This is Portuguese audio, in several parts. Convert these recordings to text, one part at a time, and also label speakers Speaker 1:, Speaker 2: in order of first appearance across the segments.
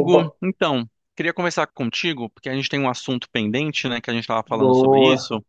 Speaker 1: Opa,
Speaker 2: então, queria conversar contigo, porque a gente tem um assunto pendente, né, que a gente estava falando sobre
Speaker 1: boa.
Speaker 2: isso,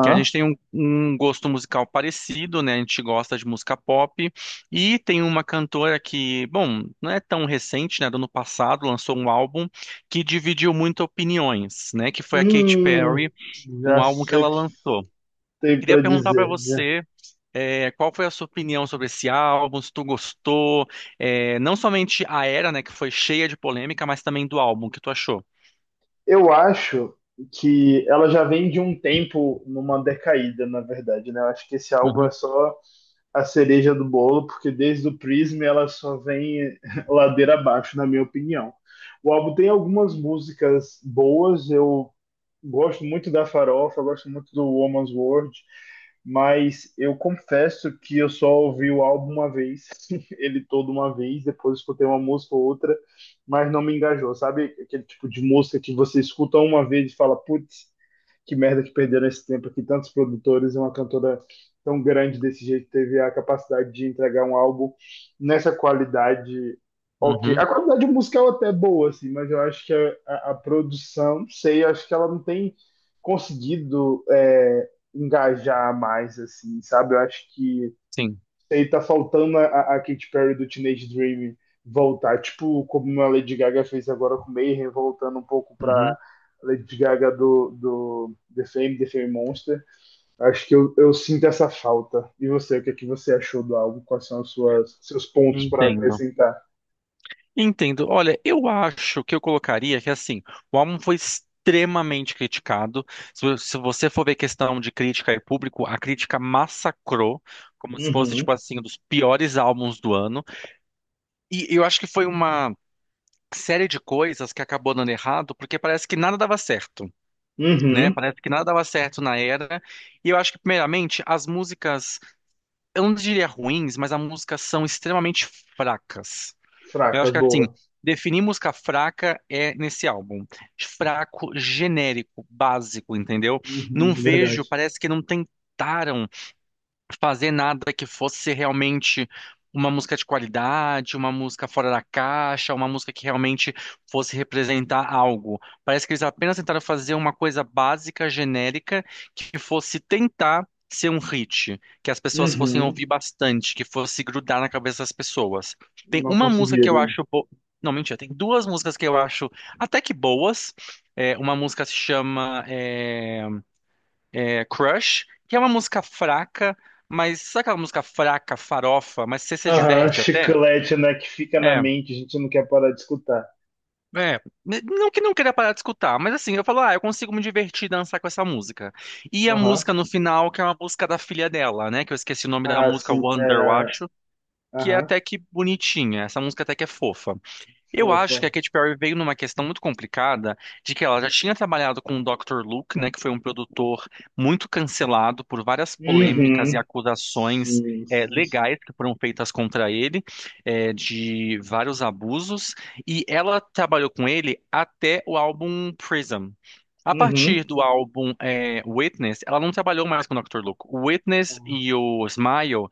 Speaker 2: que a gente tem um gosto musical parecido, né, a gente gosta de música pop, e tem uma cantora que, bom, não é tão recente, né, do ano passado, lançou um álbum que dividiu muito opiniões, né, que foi a Katy
Speaker 1: Hum,
Speaker 2: Perry, um
Speaker 1: já
Speaker 2: álbum que
Speaker 1: sei
Speaker 2: ela
Speaker 1: o que
Speaker 2: lançou.
Speaker 1: tem
Speaker 2: Queria
Speaker 1: para
Speaker 2: perguntar para
Speaker 1: dizer, né?
Speaker 2: você qual foi a sua opinião sobre esse álbum? Se tu gostou? É, não somente a era, né, que foi cheia de polêmica, mas também do álbum, o que tu achou?
Speaker 1: Eu acho que ela já vem de um tempo numa decaída, na verdade, né? Eu acho que esse álbum é
Speaker 2: Uhum,
Speaker 1: só a cereja do bolo, porque desde o Prism ela só vem ladeira abaixo, na minha opinião. O álbum tem algumas músicas boas, eu gosto muito da Farofa, gosto muito do Woman's World, mas eu confesso que eu só ouvi o álbum uma vez, ele todo uma vez, depois escutei uma música ou outra, mas não me engajou, sabe? Aquele tipo de música que você escuta uma vez e fala, putz, que merda que perderam esse tempo que tantos produtores e uma cantora tão grande desse jeito teve a capacidade de entregar um álbum nessa qualidade ok.
Speaker 2: uhum,
Speaker 1: A qualidade musical até é boa, assim, mas eu acho que a produção, não sei, eu acho que ela não tem conseguido engajar mais, assim, sabe? Eu acho que
Speaker 2: sim,
Speaker 1: aí tá faltando a Katy Perry do Teenage Dream voltar, tipo como a Lady Gaga fez agora com Mayhem, voltando um pouco pra
Speaker 2: uhum,
Speaker 1: Lady Gaga do The Fame, The Fame Monster. Acho que eu sinto essa falta. E você, o que, é que você achou do álbum? Quais são os seus pontos para
Speaker 2: entendo.
Speaker 1: acrescentar?
Speaker 2: Entendo. Olha, eu acho que eu colocaria que assim, o álbum foi extremamente criticado. Se você for ver questão de crítica e público, a crítica massacrou, como se fosse tipo
Speaker 1: Uhum,
Speaker 2: assim, um dos piores álbuns do ano. E eu acho que foi uma série de coisas que acabou dando errado, porque parece que nada dava certo, né?
Speaker 1: uhum.
Speaker 2: Parece que nada dava certo na era. E eu acho que, primeiramente, as músicas, eu não diria ruins, mas as músicas são extremamente fracas. Eu
Speaker 1: Fraca,
Speaker 2: acho que, assim,
Speaker 1: boa.
Speaker 2: definir música fraca é nesse álbum. Fraco, genérico, básico, entendeu?
Speaker 1: Uhum,
Speaker 2: Não vejo,
Speaker 1: verdade.
Speaker 2: parece que não tentaram fazer nada que fosse realmente uma música de qualidade, uma música fora da caixa, uma música que realmente fosse representar algo. Parece que eles apenas tentaram fazer uma coisa básica, genérica, que fosse tentar ser um hit, que as pessoas fossem
Speaker 1: Uhum,
Speaker 2: ouvir bastante, que fosse grudar na cabeça das pessoas. Tem
Speaker 1: não
Speaker 2: uma música que eu
Speaker 1: conseguiram.
Speaker 2: acho bo... Não, mentira, tem duas músicas que eu acho até que boas. Uma música se chama Crush, que é uma música fraca, mas sabe aquela música fraca, farofa, mas você se
Speaker 1: Aham,
Speaker 2: diverte até?
Speaker 1: chiclete, né, que fica na
Speaker 2: É,
Speaker 1: mente, a gente não quer parar de escutar.
Speaker 2: Não que não queira parar de escutar, mas assim, eu falo, ah, eu consigo me divertir e dançar com essa música. E a
Speaker 1: Aham,
Speaker 2: música no final, que é uma música da filha dela, né? Que eu esqueci o nome da
Speaker 1: ah,
Speaker 2: música,
Speaker 1: sim.
Speaker 2: Wonder, eu
Speaker 1: É...
Speaker 2: acho, que é
Speaker 1: Aham,
Speaker 2: até que bonitinha. Essa música até que é fofa. Eu acho
Speaker 1: fofa.
Speaker 2: que a Katy Perry veio numa questão muito complicada de que ela já tinha trabalhado com o Dr. Luke, né, que foi um produtor muito cancelado por várias polêmicas e
Speaker 1: Uhum.
Speaker 2: acusações
Speaker 1: Sim, sim, sim.
Speaker 2: legais que foram feitas contra ele, de vários abusos, e ela trabalhou com ele até o álbum Prism. A partir
Speaker 1: Uhum.
Speaker 2: do álbum Witness, ela não trabalhou mais com o Dr. Luke. O Witness
Speaker 1: Ah,
Speaker 2: e o Smile,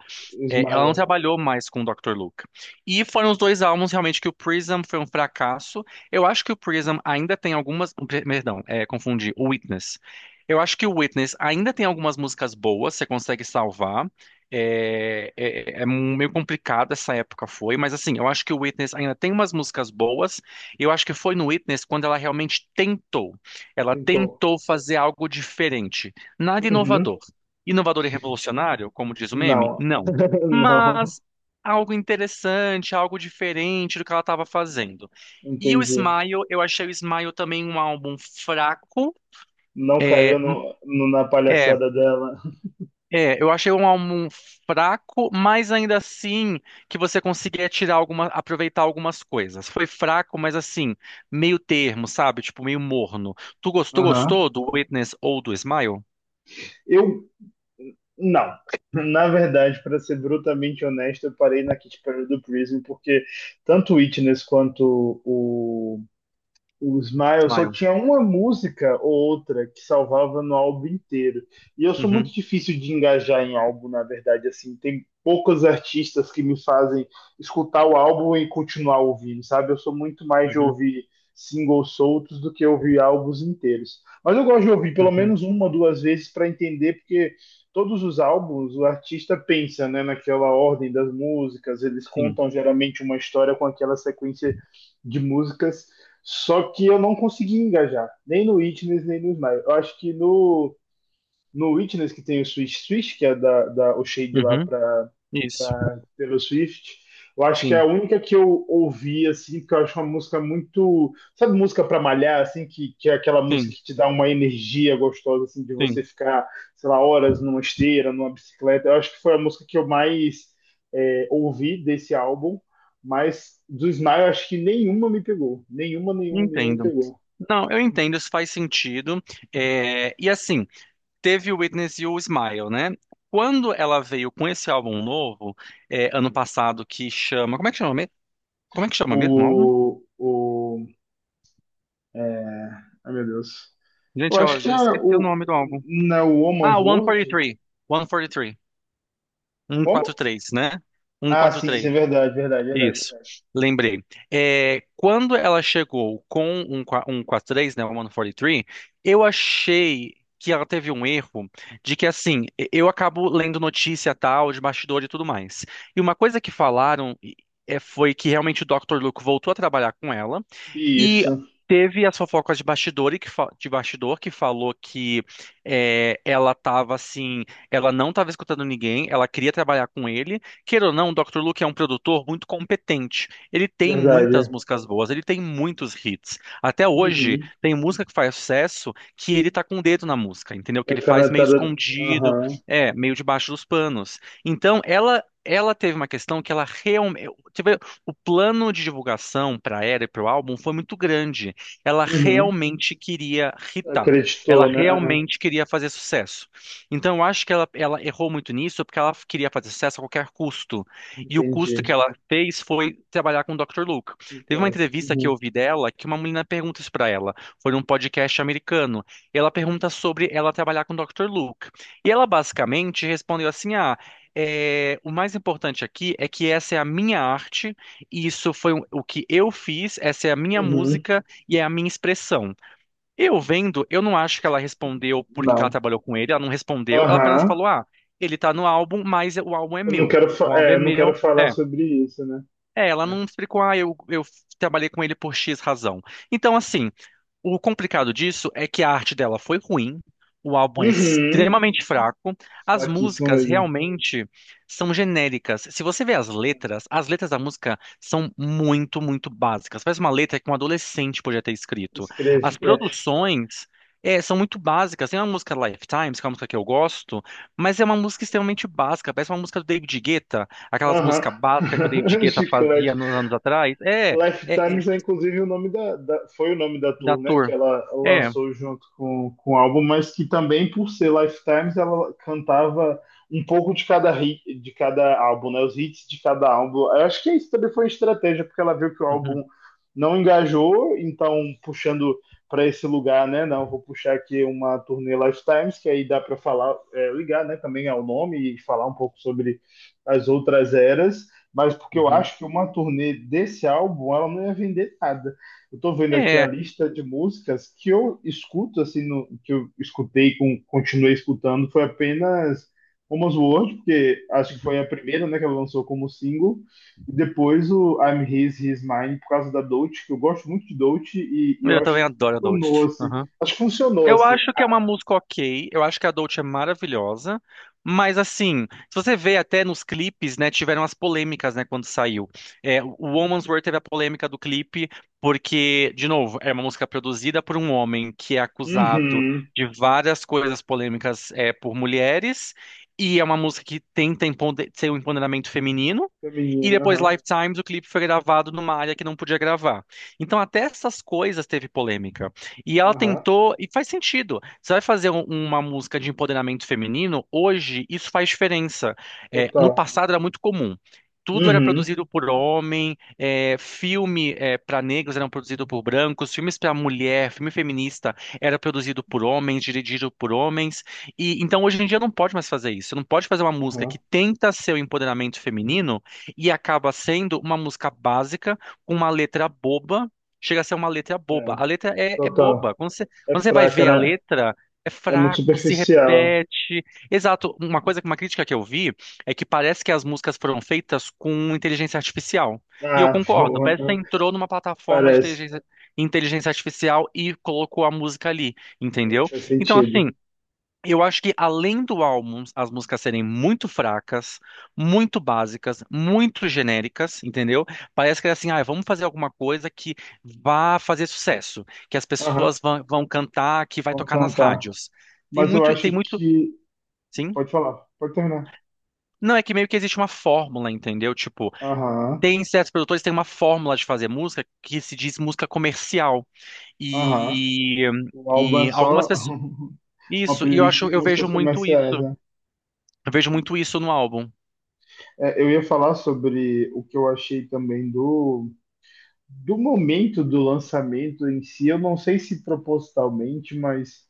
Speaker 2: é, ela
Speaker 1: Ismael
Speaker 2: não trabalhou mais com o Dr. Luke. E foram os dois álbuns realmente que o Prism foi um fracasso. Eu acho que o Prism ainda tem algumas. Perdão, é, confundi. O Witness. Eu acho que o Witness ainda tem algumas músicas boas, você consegue salvar. É, é meio complicado essa época foi, mas assim, eu acho que o Witness ainda tem umas músicas boas. E eu acho que foi no Witness quando ela realmente tentou. Ela
Speaker 1: tentou.
Speaker 2: tentou fazer algo diferente. Nada
Speaker 1: Uhum.
Speaker 2: inovador. Inovador e revolucionário, como diz o meme?
Speaker 1: Não.
Speaker 2: Não,
Speaker 1: Não.
Speaker 2: mas algo interessante, algo diferente do que ela estava fazendo. E o
Speaker 1: Entendi.
Speaker 2: Smile, eu achei o Smile também um álbum fraco.
Speaker 1: Não
Speaker 2: É,
Speaker 1: caiu na
Speaker 2: é,
Speaker 1: palhaçada dela.
Speaker 2: eu achei um álbum fraco, mas ainda assim que você conseguia tirar alguma, aproveitar algumas coisas. Foi fraco, mas assim, meio termo, sabe? Tipo, meio morno. Tu gostou,
Speaker 1: Aham.
Speaker 2: gostou do Witness ou do Smile?
Speaker 1: Eu. Não. Na verdade, para ser brutalmente honesto, eu parei na Kit Perry do Prism, porque tanto o Witness quanto o Smile só
Speaker 2: Smile.
Speaker 1: tinha uma música ou outra que salvava no álbum inteiro. E eu sou
Speaker 2: Uhum,
Speaker 1: muito difícil de engajar em álbum, na verdade, assim, tem poucos artistas que me fazem escutar o álbum e continuar ouvindo, sabe? Eu sou muito mais de
Speaker 2: uhum,
Speaker 1: ouvir singles soltos do que ouvir álbuns inteiros. Mas eu gosto de ouvir pelo
Speaker 2: uhum,
Speaker 1: menos uma ou duas vezes para entender, porque todos os álbuns o artista pensa, né, naquela ordem das músicas, eles
Speaker 2: sim.
Speaker 1: contam geralmente uma história com aquela sequência de músicas só que eu não consegui engajar, nem no Witness, nem no Smile. Eu acho que no Witness, que tem o Switch Switch, que é o shade lá
Speaker 2: Uhum,
Speaker 1: pra
Speaker 2: isso.
Speaker 1: pra Taylor Swift. Eu acho que é a
Speaker 2: Sim,
Speaker 1: única que eu ouvi, assim, porque eu acho uma música muito. Sabe, música pra malhar, assim, que é aquela música
Speaker 2: sim,
Speaker 1: que te dá uma energia gostosa, assim, de você
Speaker 2: sim.
Speaker 1: ficar, sei lá, horas numa esteira, numa bicicleta. Eu acho que foi a música que eu mais ouvi desse álbum, mas do Smile, eu acho que nenhuma me pegou. Nenhuma, nenhuma, nenhuma me
Speaker 2: Entendo.
Speaker 1: pegou.
Speaker 2: Não, eu entendo, isso faz sentido. É, e assim, teve o Witness e o Smile, né? Quando ela veio com esse álbum novo, é, ano passado, que chama. Como é que chama mesmo? Como é que chama mesmo o álbum?
Speaker 1: O. o é... Ai, meu Deus. Eu
Speaker 2: Gente, ó,
Speaker 1: acho que
Speaker 2: já
Speaker 1: é
Speaker 2: esqueci o
Speaker 1: o.
Speaker 2: nome do álbum.
Speaker 1: Na
Speaker 2: Ah,
Speaker 1: Woman's World?
Speaker 2: 143. 143. Três, cento e quarenta e três, cento e quarenta
Speaker 1: Como?
Speaker 2: e três, né? Cento e
Speaker 1: Ah,
Speaker 2: quarenta e
Speaker 1: sim, isso
Speaker 2: três.
Speaker 1: é verdade, verdade, verdade.
Speaker 2: Isso, lembrei. É, quando ela chegou com um 43, né, um o três, eu achei que ela teve um erro de que, assim, eu acabo lendo notícia tal, de bastidor e tudo mais. E uma coisa que falaram é, foi que realmente o Dr. Luke voltou a trabalhar com ela e
Speaker 1: Isso,
Speaker 2: teve as fofocas de bastidor, e que, de bastidor que falou que é, ela tava, assim, ela não estava escutando ninguém, ela queria trabalhar com ele. Queira ou não, o Dr. Luke é um produtor muito competente. Ele tem muitas
Speaker 1: verdade.
Speaker 2: músicas boas, ele tem muitos hits. Até hoje,
Speaker 1: Uhum.
Speaker 2: tem música que faz sucesso que ele tá com o dedo na música, entendeu? Que
Speaker 1: É
Speaker 2: ele faz meio
Speaker 1: canetada.
Speaker 2: escondido,
Speaker 1: Aham.
Speaker 2: é, meio debaixo dos panos. Então, ela. Ela teve uma questão que ela realmente. O plano de divulgação para ela e para o álbum foi muito grande. Ela
Speaker 1: Uhum.
Speaker 2: realmente queria hitar. Ela
Speaker 1: Acreditou, né? Aham.
Speaker 2: realmente queria fazer sucesso. Então, eu acho que ela errou muito nisso porque ela queria fazer sucesso a qualquer custo. E o custo
Speaker 1: Entendi.
Speaker 2: que ela fez foi trabalhar com o Dr. Luke. Teve uma
Speaker 1: Exato.
Speaker 2: entrevista que eu
Speaker 1: Uhum.
Speaker 2: ouvi dela que uma menina pergunta isso pra ela. Foi num podcast americano. E ela pergunta sobre ela trabalhar com o Dr. Luke. E ela basicamente respondeu assim: Ah, é, o mais importante aqui é que essa é a minha arte, e isso foi o que eu fiz, essa é a minha
Speaker 1: Uhum.
Speaker 2: música e é a minha expressão. Eu vendo, eu não acho que ela respondeu por que que ela
Speaker 1: Não.
Speaker 2: trabalhou com ele, ela não respondeu, ela apenas
Speaker 1: Aham.
Speaker 2: falou: ah, ele tá no álbum, mas o álbum é
Speaker 1: Eu não
Speaker 2: meu.
Speaker 1: quero, fa-
Speaker 2: O álbum
Speaker 1: é,
Speaker 2: é
Speaker 1: eu não quero
Speaker 2: meu,
Speaker 1: falar
Speaker 2: é.
Speaker 1: sobre isso, né?
Speaker 2: É, ela
Speaker 1: É.
Speaker 2: não explicou, ah, eu trabalhei com ele por X razão. Então, assim, o complicado disso é que a arte dela foi ruim, o álbum é
Speaker 1: Uhum.
Speaker 2: extremamente fraco, as
Speaker 1: Fraquíssimo
Speaker 2: músicas
Speaker 1: mesmo.
Speaker 2: realmente são genéricas. Se você vê as letras da música são muito básicas. Parece uma letra que um adolescente podia ter escrito. As
Speaker 1: Escreve. É.
Speaker 2: produções é, são muito básicas. Tem uma música Lifetimes, que é uma música que eu gosto, mas é uma música extremamente básica. Parece uma música do David Guetta, aquelas
Speaker 1: Aham.
Speaker 2: músicas básicas que o David Guetta
Speaker 1: Chiclete.
Speaker 2: fazia nos anos atrás.
Speaker 1: Life
Speaker 2: É
Speaker 1: Times é inclusive o nome foi o nome da
Speaker 2: da
Speaker 1: tour, né, que
Speaker 2: tour.
Speaker 1: ela
Speaker 2: É.
Speaker 1: lançou junto com o álbum, mas que também por ser Lifetimes ela cantava um pouco de cada hit, de cada álbum, né, os hits de cada álbum. Eu acho que isso também foi uma estratégia porque ela viu que o
Speaker 2: Uhum,
Speaker 1: álbum não engajou, então puxando para esse lugar, né, não vou puxar aqui uma turnê Lifetimes que aí dá para falar, ligar, né, também ao nome e falar um pouco sobre as outras eras mas porque eu
Speaker 2: uhum.
Speaker 1: acho que uma turnê desse álbum ela não ia vender nada. Eu tô vendo aqui a
Speaker 2: É,
Speaker 1: lista de músicas que eu escuto assim, no- que eu escutei com continuei escutando foi apenas Almost World, porque acho que
Speaker 2: uhum.
Speaker 1: foi a primeira, né, que ela lançou como single, e depois o I'm His, He's Mine por causa da Dolce, que eu gosto muito de Dolce e eu
Speaker 2: Eu
Speaker 1: acho que
Speaker 2: também adoro a
Speaker 1: funcionou
Speaker 2: Dolce.
Speaker 1: assim.
Speaker 2: Uhum.
Speaker 1: Acho que funcionou
Speaker 2: Eu
Speaker 1: assim.
Speaker 2: acho que é uma música ok, eu acho que a Dolce é maravilhosa, mas assim, se você vê até nos clipes, né, tiveram as polêmicas, né, quando saiu. É, o Woman's Worth teve a polêmica do clipe, porque, de novo, é uma música produzida por um homem que é acusado
Speaker 1: Uhum.
Speaker 2: de várias coisas polêmicas é, por mulheres, e é uma música que tenta ser um empoderamento feminino. E
Speaker 1: Feminina,
Speaker 2: depois
Speaker 1: aham.
Speaker 2: Lifetimes, o clipe foi gravado numa área que não podia gravar. Então até essas coisas teve polêmica. E ela
Speaker 1: Aham.
Speaker 2: tentou, e faz sentido. Você vai fazer uma música de empoderamento feminino, hoje isso faz diferença. É, no
Speaker 1: Total.
Speaker 2: passado era muito comum. Tudo era
Speaker 1: Uhum.
Speaker 2: produzido por homem, é, filme para negros eram produzido por brancos, filmes para mulher, filme feminista era produzido por homens, dirigido por homens. E então hoje em dia não pode mais fazer isso. Você não pode fazer uma música que
Speaker 1: Aham.
Speaker 2: tenta ser o empoderamento feminino e acaba sendo uma música básica, com uma letra boba. Chega a ser uma letra boba.
Speaker 1: É,
Speaker 2: A letra é
Speaker 1: total.
Speaker 2: boba. Quando
Speaker 1: É
Speaker 2: quando você vai
Speaker 1: fraca,
Speaker 2: ver a
Speaker 1: né?
Speaker 2: letra, é
Speaker 1: É muito
Speaker 2: fraco, se
Speaker 1: superficial.
Speaker 2: repete. Exato. Uma coisa, uma crítica que eu vi é que parece que as músicas foram feitas com inteligência artificial. E eu
Speaker 1: Ah,
Speaker 2: concordo.
Speaker 1: boa.
Speaker 2: Parece que você entrou numa plataforma de
Speaker 1: Parece.
Speaker 2: inteligência artificial e colocou a música ali, entendeu?
Speaker 1: Faz
Speaker 2: Então,
Speaker 1: sentido.
Speaker 2: assim. Eu acho que além do álbum, as músicas serem muito fracas, muito básicas, muito genéricas, entendeu? Parece que é assim, ah, vamos fazer alguma coisa que vá fazer sucesso, que as
Speaker 1: Aham,
Speaker 2: pessoas vão cantar, que vai
Speaker 1: vamos
Speaker 2: tocar nas
Speaker 1: cantar.
Speaker 2: rádios. Tem
Speaker 1: Mas eu
Speaker 2: muito,
Speaker 1: acho
Speaker 2: tem muito,
Speaker 1: que.
Speaker 2: sim.
Speaker 1: Pode falar, pode terminar.
Speaker 2: Não, é que meio que existe uma fórmula, entendeu? Tipo,
Speaker 1: Aham,
Speaker 2: tem certos produtores que têm uma fórmula de fazer música que se diz música comercial.
Speaker 1: aham.
Speaker 2: E,
Speaker 1: O álbum é
Speaker 2: e algumas
Speaker 1: só
Speaker 2: pessoas.
Speaker 1: uma
Speaker 2: Isso, e eu
Speaker 1: playlist
Speaker 2: acho,
Speaker 1: de
Speaker 2: eu vejo
Speaker 1: músicas
Speaker 2: muito
Speaker 1: comerciais,
Speaker 2: isso.
Speaker 1: né?
Speaker 2: Eu vejo muito isso no álbum.
Speaker 1: É, eu ia falar sobre o que eu achei também do, do momento do lançamento em si. Eu não sei se propositalmente, mas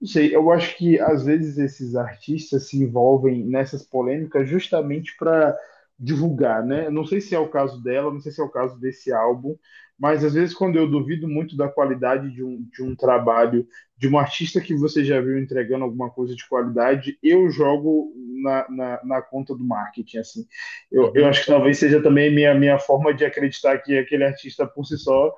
Speaker 1: não sei, eu acho que às vezes esses artistas se envolvem nessas polêmicas justamente para divulgar, né? Eu não sei se é o caso dela, não sei se é o caso desse álbum, mas às vezes quando eu duvido muito da qualidade de um trabalho de um artista que você já viu entregando alguma coisa de qualidade, eu jogo na, na, na conta do marketing, assim. Eu
Speaker 2: Uhum.
Speaker 1: acho que talvez seja também minha forma de acreditar que aquele artista por si só,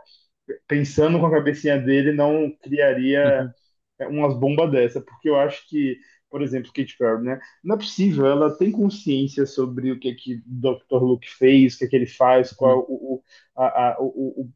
Speaker 1: pensando com a cabecinha dele, não criaria
Speaker 2: Uhum,
Speaker 1: umas bombas dessa, porque eu acho que, por exemplo, Kate Perry, né? Não é possível, ela tem consciência sobre o que é que Dr. Luke fez, o que é que ele faz, qual
Speaker 2: uhum,
Speaker 1: o, a, o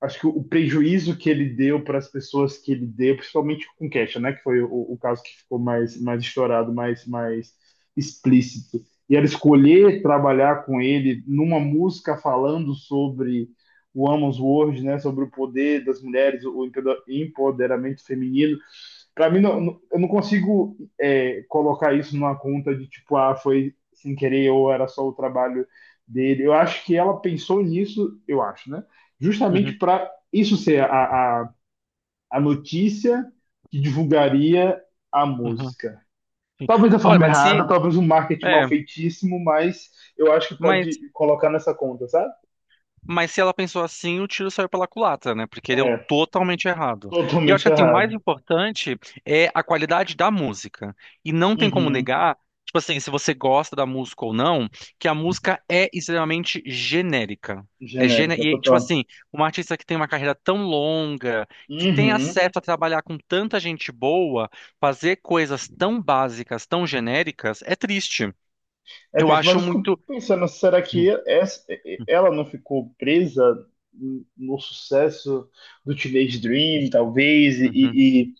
Speaker 1: acho que o prejuízo que ele deu para as pessoas que ele deu, principalmente com Kesha, né, que foi o, caso que ficou mais estourado, mais explícito. E ela escolher trabalhar com ele numa música falando sobre o Amos World, né, sobre o poder das mulheres, o empoderamento feminino, pra mim, não, eu não consigo colocar isso numa conta de tipo, ah, foi sem querer ou era só o trabalho dele. Eu acho que ela pensou nisso, eu acho, né? Justamente
Speaker 2: uhum,
Speaker 1: para isso ser a notícia que divulgaria a
Speaker 2: uhum,
Speaker 1: música.
Speaker 2: sim.
Speaker 1: Talvez da
Speaker 2: Olha,
Speaker 1: forma
Speaker 2: mas
Speaker 1: errada,
Speaker 2: se,
Speaker 1: talvez um marketing mal
Speaker 2: é,
Speaker 1: feitíssimo, mas eu acho que pode
Speaker 2: mas,
Speaker 1: colocar nessa conta, sabe?
Speaker 2: mas se ela pensou assim, o tiro saiu pela culatra, né? Porque deu
Speaker 1: É,
Speaker 2: totalmente errado. E eu acho
Speaker 1: totalmente
Speaker 2: que assim, o mais
Speaker 1: errado.
Speaker 2: importante é a qualidade da música. E não tem como
Speaker 1: Uhum.
Speaker 2: negar, tipo assim, se você gosta da música ou não, que a música é extremamente genérica. É gene...
Speaker 1: Genérica,
Speaker 2: E, tipo
Speaker 1: total.
Speaker 2: assim, uma artista que tem uma carreira tão longa, que tem
Speaker 1: Uhum.
Speaker 2: acesso a trabalhar com tanta gente boa, fazer coisas tão básicas, tão genéricas, é triste.
Speaker 1: É
Speaker 2: Eu
Speaker 1: triste, mas
Speaker 2: acho
Speaker 1: eu fico
Speaker 2: muito.
Speaker 1: pensando, será
Speaker 2: Uhum,
Speaker 1: que ela não ficou presa no sucesso do Teenage Dream, talvez, e,
Speaker 2: uhum,
Speaker 1: e e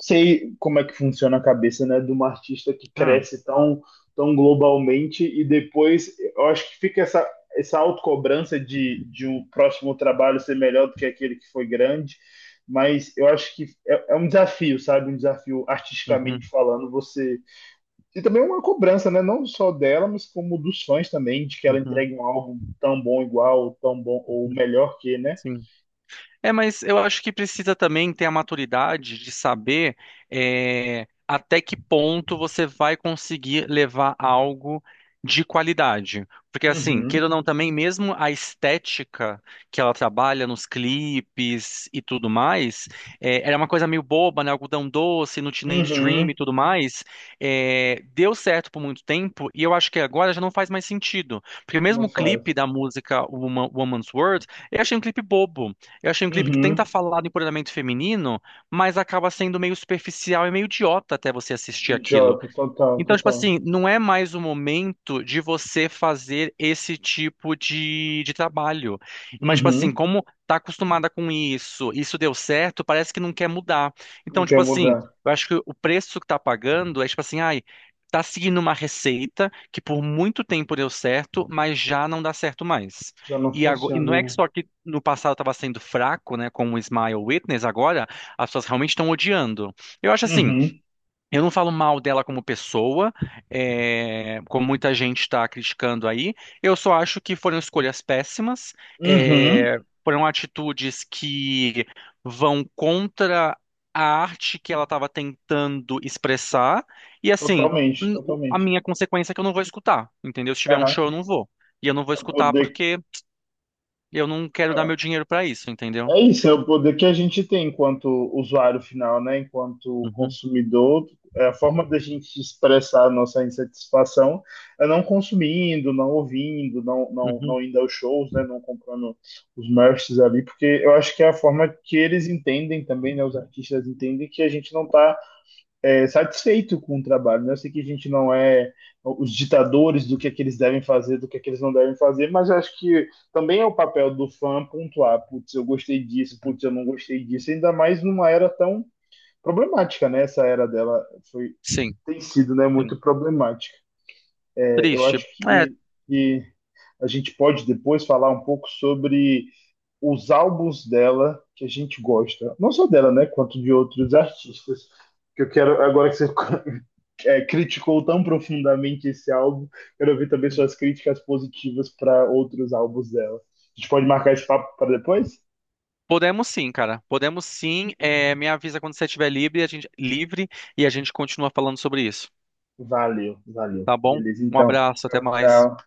Speaker 1: sei como é que funciona a cabeça, né, de uma artista que
Speaker 2: ah,
Speaker 1: cresce tão, tão globalmente e depois eu acho que fica essa autocobrança de um próximo trabalho ser melhor do que aquele que foi grande, mas eu acho que é, é um desafio, sabe? Um desafio artisticamente
Speaker 2: uhum,
Speaker 1: falando, você e também uma cobrança, né? Não só dela, mas como dos fãs também, de que ela
Speaker 2: uhum, uhum,
Speaker 1: entregue um álbum tão bom igual, tão bom, ou
Speaker 2: uhum,
Speaker 1: melhor que, né?
Speaker 2: sim. É, mas eu acho que precisa também ter a maturidade de saber é, até que ponto você vai conseguir levar algo de qualidade. Porque, assim, queira
Speaker 1: Uhum,
Speaker 2: ou não, também, mesmo a estética que ela trabalha nos clipes e tudo mais, é, era uma coisa meio boba, né? Algodão doce, no Teenage Dream
Speaker 1: uhum,
Speaker 2: e tudo mais, é, deu certo por muito tempo e eu acho que agora já não faz mais sentido. Porque
Speaker 1: não
Speaker 2: mesmo o clipe
Speaker 1: faz.
Speaker 2: da música Woman's World, eu achei um clipe bobo. Eu achei um clipe que tenta
Speaker 1: Uhum,
Speaker 2: falar do empoderamento feminino, mas acaba sendo meio superficial e meio idiota até você assistir aquilo.
Speaker 1: Jota, total,
Speaker 2: Então, tipo
Speaker 1: total.
Speaker 2: assim, não é mais o momento de você fazer esse tipo de trabalho. Mas, tipo assim,
Speaker 1: Uhum,
Speaker 2: como tá acostumada com isso, isso deu certo, parece que não quer mudar.
Speaker 1: não
Speaker 2: Então,
Speaker 1: quer
Speaker 2: tipo assim,
Speaker 1: mudar.
Speaker 2: eu acho que o preço que tá pagando é, tipo assim, ai, tá seguindo uma receita que por muito tempo deu certo, mas já não dá certo mais.
Speaker 1: Já não
Speaker 2: E, e não é que
Speaker 1: funciona.
Speaker 2: só que no passado estava sendo fraco, né, com o Smile Witness, agora as pessoas realmente estão odiando. Eu acho assim.
Speaker 1: Uhum,
Speaker 2: Eu não falo mal dela como pessoa, é, como muita gente está criticando aí. Eu só acho que foram escolhas péssimas,
Speaker 1: uhum,
Speaker 2: é, foram atitudes que vão contra a arte que ela estava tentando expressar. E assim,
Speaker 1: totalmente,
Speaker 2: a
Speaker 1: totalmente.
Speaker 2: minha consequência é que eu não vou escutar, entendeu? Se tiver um
Speaker 1: Aham.
Speaker 2: show, eu não vou. E eu não vou
Speaker 1: Pra
Speaker 2: escutar
Speaker 1: poder
Speaker 2: porque eu não quero dar meu dinheiro para isso, entendeu?
Speaker 1: É isso, é o poder que a gente tem enquanto usuário final, né? Enquanto
Speaker 2: Uhum,
Speaker 1: consumidor, é a forma da gente expressar a nossa insatisfação é não consumindo, não ouvindo, não, não,
Speaker 2: uhum,
Speaker 1: não indo aos shows, né? Não comprando os merchs ali, porque eu acho que é a forma que eles entendem também, né? Os artistas entendem que a gente não está satisfeito com o trabalho, né? Eu sei que a gente não é os ditadores do que é que eles devem fazer, do que é que eles não devem fazer, mas eu acho que também é o papel do fã pontuar, putz, eu gostei disso,
Speaker 2: uhum.
Speaker 1: putz, eu não gostei disso, ainda mais numa era tão problemática, né? Essa era dela foi
Speaker 2: Sim,
Speaker 1: tem sido, né,
Speaker 2: sim.
Speaker 1: muito problemática. É, eu
Speaker 2: Triste.
Speaker 1: acho
Speaker 2: É.
Speaker 1: que a gente pode depois falar um pouco sobre os álbuns dela que a gente gosta, não só dela, né, quanto de outros artistas que eu quero, agora que você criticou tão profundamente esse álbum, quero ouvir também suas críticas positivas para outros álbuns dela. A gente pode marcar esse papo para depois?
Speaker 2: Podemos sim, cara. Podemos sim. É, me avisa quando você estiver livre, a gente livre e a gente continua falando sobre isso.
Speaker 1: Valeu, valeu.
Speaker 2: Tá bom?
Speaker 1: Beleza,
Speaker 2: Um
Speaker 1: então.
Speaker 2: abraço, até
Speaker 1: Tchau,
Speaker 2: mais.
Speaker 1: tchau.